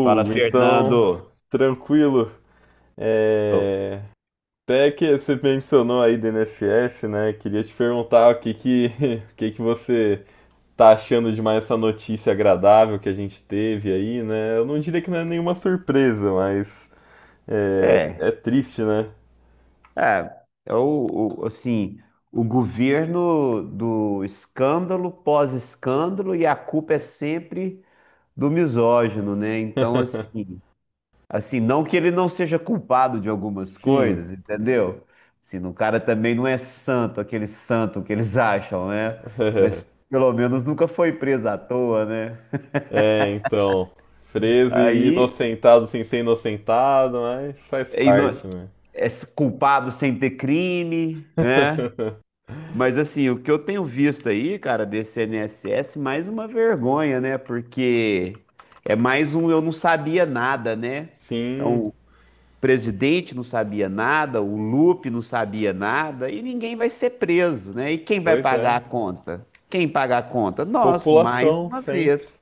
Fala, então, Fernando. tranquilo. É... Até que você mencionou aí do INSS, né? Queria te perguntar o que que você tá achando de mais essa notícia agradável que a gente teve aí, né? Eu não diria que não é nenhuma surpresa, mas é, É, é triste, né? é o, assim, o governo do escândalo, pós-escândalo, e a culpa é sempre do misógino, né? Então, assim, assim, não que ele não seja culpado de algumas Sim. coisas, entendeu? Assim, o cara também não é santo, aquele santo que eles acham, né? Mas pelo menos nunca foi preso à toa, né? É, então, preso e Aí, inocentado sem ser inocentado, mas faz e parte, não- né? é culpado sem ter crime, né? Mas assim, o que eu tenho visto aí, cara, desse INSS, mais uma vergonha, né? Porque é mais um eu não sabia nada, né? Sim, Então, o presidente não sabia nada, o Lupe não sabia nada, e ninguém vai ser preso, né? E quem vai pois pagar a é. conta? Quem pagar a conta? Nós, mais População, uma sempre. vez.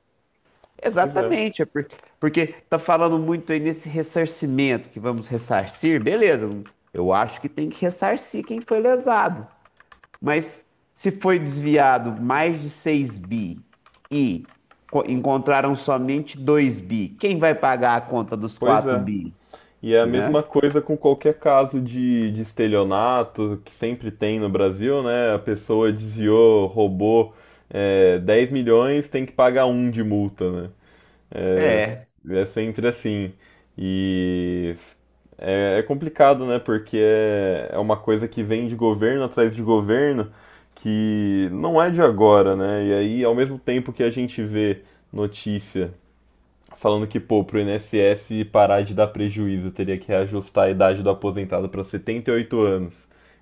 Pois é, Exatamente, é porque, porque tá falando muito aí nesse ressarcimento, que vamos ressarcir, beleza, eu acho que tem que ressarcir quem foi lesado. Mas se foi desviado mais de 6 bi e encontraram somente 2 bi, quem vai pagar a conta dos pois quatro é. bi? E é a Né? mesma coisa com qualquer caso de estelionato que sempre tem no Brasil, né? A pessoa desviou, roubou 10 milhões, tem que pagar um de multa, né? É, É, é sempre assim. E é complicado, né? Porque é uma coisa que vem de governo atrás de governo que não é de agora, né? E aí, ao mesmo tempo que a gente vê notícia falando que, pô, pro INSS parar de dar prejuízo, teria que reajustar a idade do aposentado para 78 anos.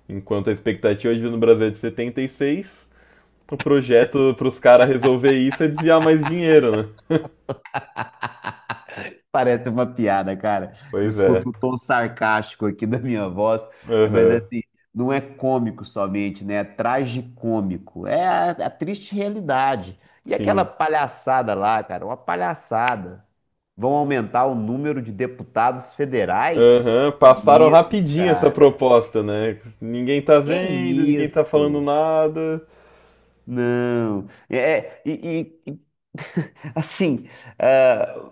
Enquanto a expectativa de vida no Brasil é de 76. O projeto para os caras resolver isso é desviar mais dinheiro, né? parece uma piada, cara. Pois é. Desculpe o tom sarcástico aqui da minha voz, mas Aham. assim, não é cômico somente, né? É tragicômico. É a triste realidade. E aquela Sim. palhaçada lá, cara, uma palhaçada. Vão aumentar o número de deputados federais? Que é Aham. Passaram isso, rapidinho essa cara? proposta, né? Ninguém tá Que vendo, ninguém tá falando isso? nada. Não. E assim, ah,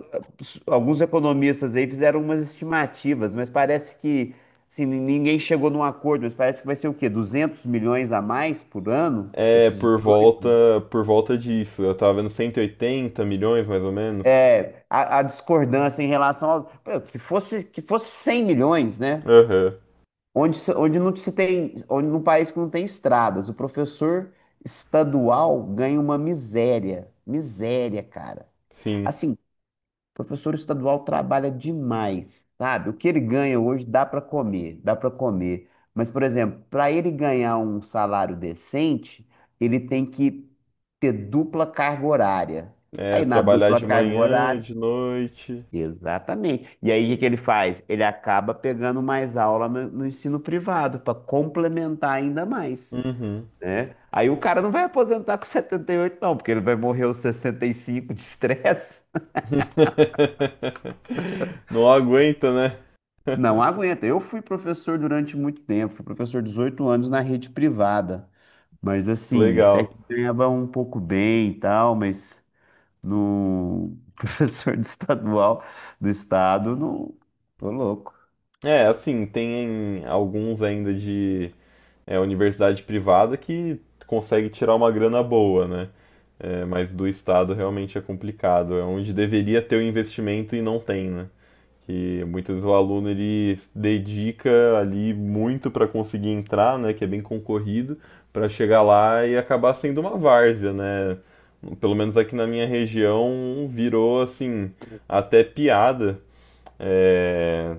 alguns economistas aí fizeram umas estimativas, mas parece que assim, ninguém chegou num acordo, mas parece que vai ser o quê? 200 milhões a mais por ano? É, Esses por volta, 18? por volta disso. Eu tava vendo 180 milhões, mais ou menos. É, a discordância em relação ao. Pô, que fosse, que fosse 100 milhões, né? Aham. Onde, onde não se tem, onde num país que não tem estradas, o professor estadual ganha uma miséria, miséria, cara. Sim. Assim, o professor estadual trabalha demais, sabe? O que ele ganha hoje dá para comer, dá para comer. Mas, por exemplo, para ele ganhar um salário decente, ele tem que ter dupla carga horária. É, Aí na trabalhar dupla de carga manhã, horária, de noite. exatamente. E aí, o que que ele faz? Ele acaba pegando mais aula no, no ensino privado para complementar ainda mais, Uhum. né? Aí o cara não vai aposentar com 78 não, porque ele vai morrer aos 65 de estresse. Não aguenta, né? Não aguenta. Eu fui professor durante muito tempo, fui professor 18 anos na rede privada. Mas Que assim, até legal. que ganhava um pouco bem e tal, mas no professor do estadual do estado, não, tô louco. É, assim, tem alguns ainda de universidade privada que consegue tirar uma grana boa, né? É, mas do Estado realmente é complicado. É onde deveria ter o investimento e não tem, né? Que muitas vezes o aluno ele dedica ali muito para conseguir entrar, né, que é bem concorrido, para chegar lá e acabar sendo uma várzea, né? Pelo menos aqui na minha região virou assim até piada é,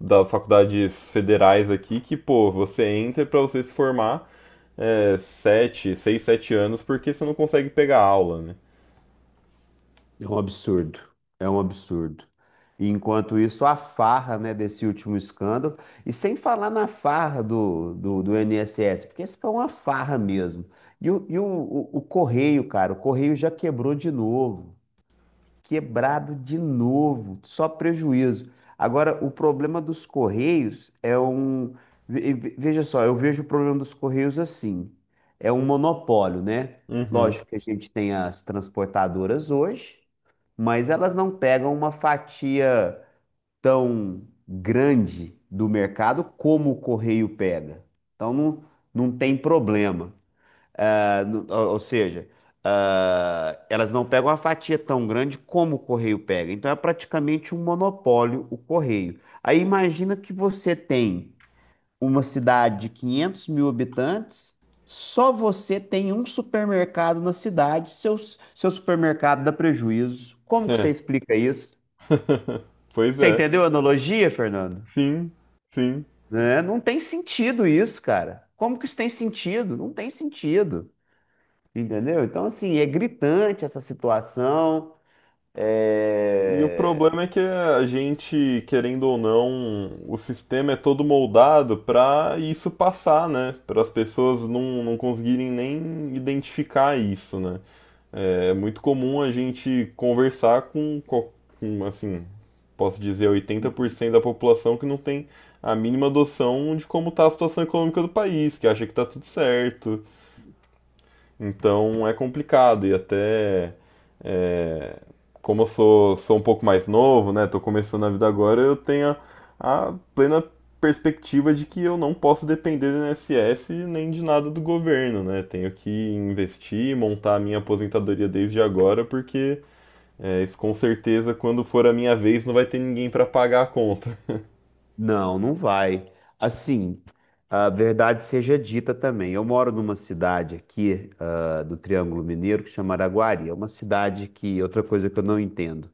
das faculdades federais aqui que pô você entra para você se formar seis, sete anos porque você não consegue pegar aula, né? É um absurdo, é um absurdo. E enquanto isso, a farra, né, desse último escândalo, e sem falar na farra do INSS, porque isso foi uma farra mesmo. E o Correio, cara, o Correio já quebrou de novo, quebrado de novo, só prejuízo. Agora, o problema dos Correios é um. Veja só, eu vejo o problema dos Correios assim: é um monopólio, né? Uhum. Lógico que a gente tem as transportadoras hoje mas elas não pegam uma fatia tão grande do mercado como o Correio pega. Então não, não tem problema. Ah, ou seja, ah, elas não pegam uma fatia tão grande como o Correio pega. Então é praticamente um monopólio o Correio. Aí imagina que você tem uma cidade de 500 mil habitantes, só você tem um supermercado na cidade, seu, seu supermercado dá prejuízo. Como que você É. explica isso? pois Você é. entendeu a analogia, Fernando? Sim, sim. Né? Não tem sentido isso, cara. Como que isso tem sentido? Não tem sentido. Entendeu? Então, assim, é gritante essa situação. E o É, problema é que a gente, querendo ou não, o sistema é todo moldado para isso passar, né? Para as pessoas não conseguirem nem identificar isso, né? É muito comum a gente com, assim, posso dizer, 80% da população que não tem a mínima noção de como está a situação econômica do país, que acha que está tudo certo, então é complicado e até é, como eu sou um pouco mais novo, né? Tô começando a vida agora, eu tenho a plena perspectiva de que eu não posso depender do INSS nem de nada do governo, né? Tenho que investir, montar a minha aposentadoria desde agora, porque isso com certeza quando for a minha vez não vai ter ninguém para pagar a conta. não, não vai. Assim, a verdade seja dita também. Eu moro numa cidade aqui, do Triângulo Mineiro que chama Araguari. É uma cidade que, outra coisa que eu não entendo,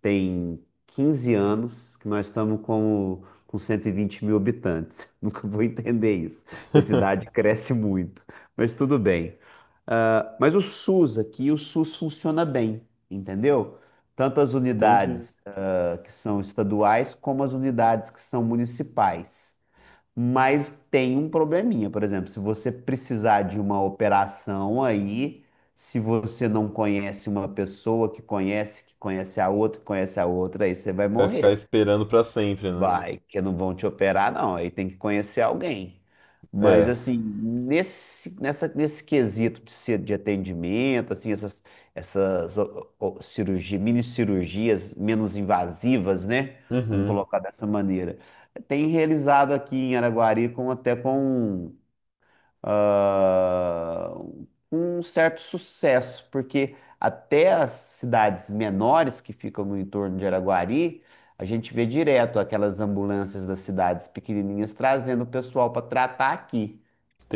tem 15 anos que nós estamos com 120 mil habitantes. Nunca vou entender isso. A cidade cresce muito, mas tudo bem. Ah, mas o SUS aqui, o SUS funciona bem, entendeu? Tantas Entendi. unidades que são estaduais, como as unidades que são municipais. Mas tem um probleminha, por exemplo, se você precisar de uma operação aí, se você não conhece uma pessoa que conhece a outra, que conhece a outra, aí você vai Vai ficar morrer. esperando para sempre, né? Vai, que não vão te operar, não. Aí tem que conhecer alguém. Mas, É. assim, nesse, nessa, nesse quesito de, de atendimento, assim, essas, essas ó, ó, cirurgia, mini cirurgias menos invasivas, né? Vamos Uhum. colocar dessa maneira. Tem realizado aqui em Araguari com, até com ah, um certo sucesso, porque até as cidades menores que ficam no entorno de Araguari, a gente vê direto aquelas ambulâncias das cidades pequenininhas trazendo o pessoal para tratar aqui,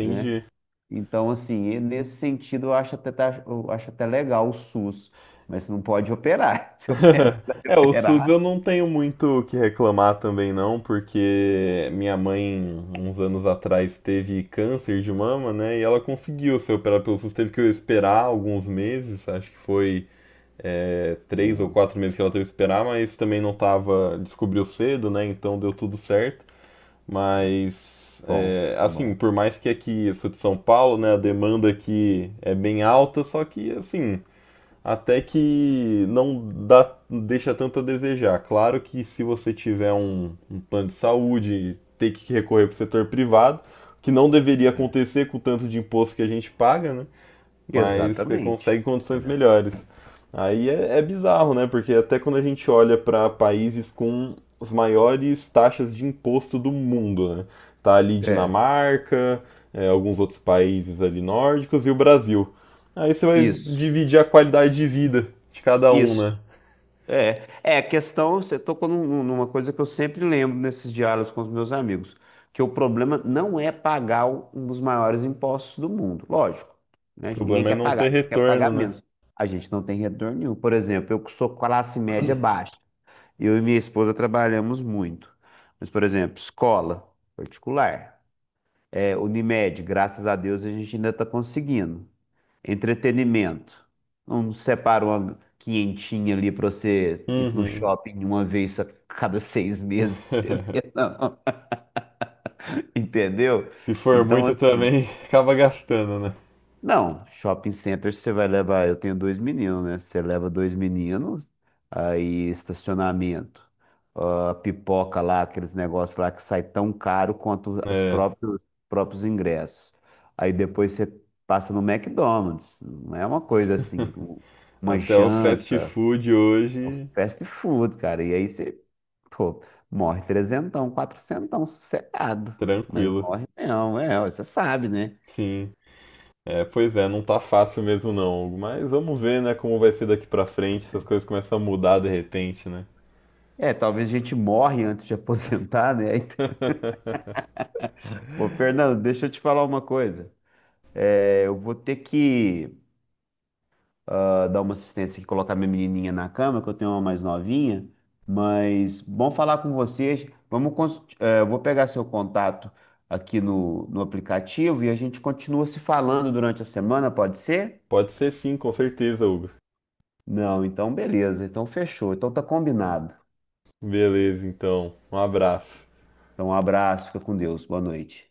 né? Então, assim, e nesse sentido, eu acho até, eu acho até legal o SUS, mas não pode operar. Se opera- É, o SUS operar, eu não tenho muito o que reclamar também não, porque minha mãe, uns anos atrás, teve câncer de mama, né? E ela conseguiu ser operada pelo SUS, teve que esperar alguns meses, acho que foi três ou não, quatro meses que ela teve que esperar, mas também não tava, descobriu cedo, né? Então deu tudo certo. não. Mas, Bom, é, que assim, bom. por mais que aqui eu sou de São Paulo, né? A demanda aqui é bem alta, só que, assim até que não dá, deixa tanto a desejar. Claro que se você tiver um plano de saúde, ter que recorrer para o setor privado, que não deveria É. acontecer com o tanto de imposto que a gente paga, né? Mas você Exatamente. consegue condições É. melhores. Aí é bizarro, né? Porque até quando a gente olha para países com as maiores taxas de imposto do mundo, né? Tá ali É, Dinamarca, é, alguns outros países ali nórdicos e o Brasil. Aí você vai isso, dividir a qualidade de vida de cada um, né? isso. É, é a questão, você tocou numa coisa que eu sempre lembro nesses diálogos com os meus amigos, que o problema não é pagar um dos maiores impostos do mundo, lógico, O né? Ninguém problema é quer não pagar, a ter gente quer retorno, pagar né? menos. A gente não tem retorno nenhum. Por exemplo, eu que sou classe média baixa, eu e minha esposa trabalhamos muito. Mas, por exemplo, escola particular, é, Unimed, graças a Deus a gente ainda está conseguindo. Entretenimento. Não separa uma quinhentinha ali pra você ir no Uhum. shopping uma vez a cada 6 meses pra você ver, não. Entendeu? Se for Então, muito assim, também, acaba gastando, né? não, shopping center você vai levar. Eu tenho dois meninos, né? Você leva dois meninos, aí estacionamento, ah, pipoca lá, aqueles negócios lá que sai tão caro quanto os É, próprios, próprios ingressos. Aí depois você passa no McDonald's, não é uma coisa assim, uma até o fast janta, food é um hoje, fast food, cara. E aí você, pô, morre trezentão, quatrocentão, sossegado. Mas tranquilo. morre não, é, você sabe, né? Sim. É, pois é, não tá fácil mesmo não, Hugo. Mas vamos ver, né, como vai ser daqui pra frente, se as coisas começam a mudar de repente, né? É, talvez a gente morre antes de aposentar, né? Aí- Ô, Fernando, deixa eu te falar uma coisa. É, eu vou ter que dar uma assistência aqui, colocar minha menininha na cama, que eu tenho uma mais novinha. Mas bom falar com vocês. Vamos, eu vou pegar seu contato aqui no, no aplicativo e a gente continua se falando durante a semana, pode ser? Pode ser sim, com certeza, Hugo. Não, então beleza. Então fechou. Então tá combinado. Beleza, então. Um abraço. Então um abraço, fica com Deus. Boa noite.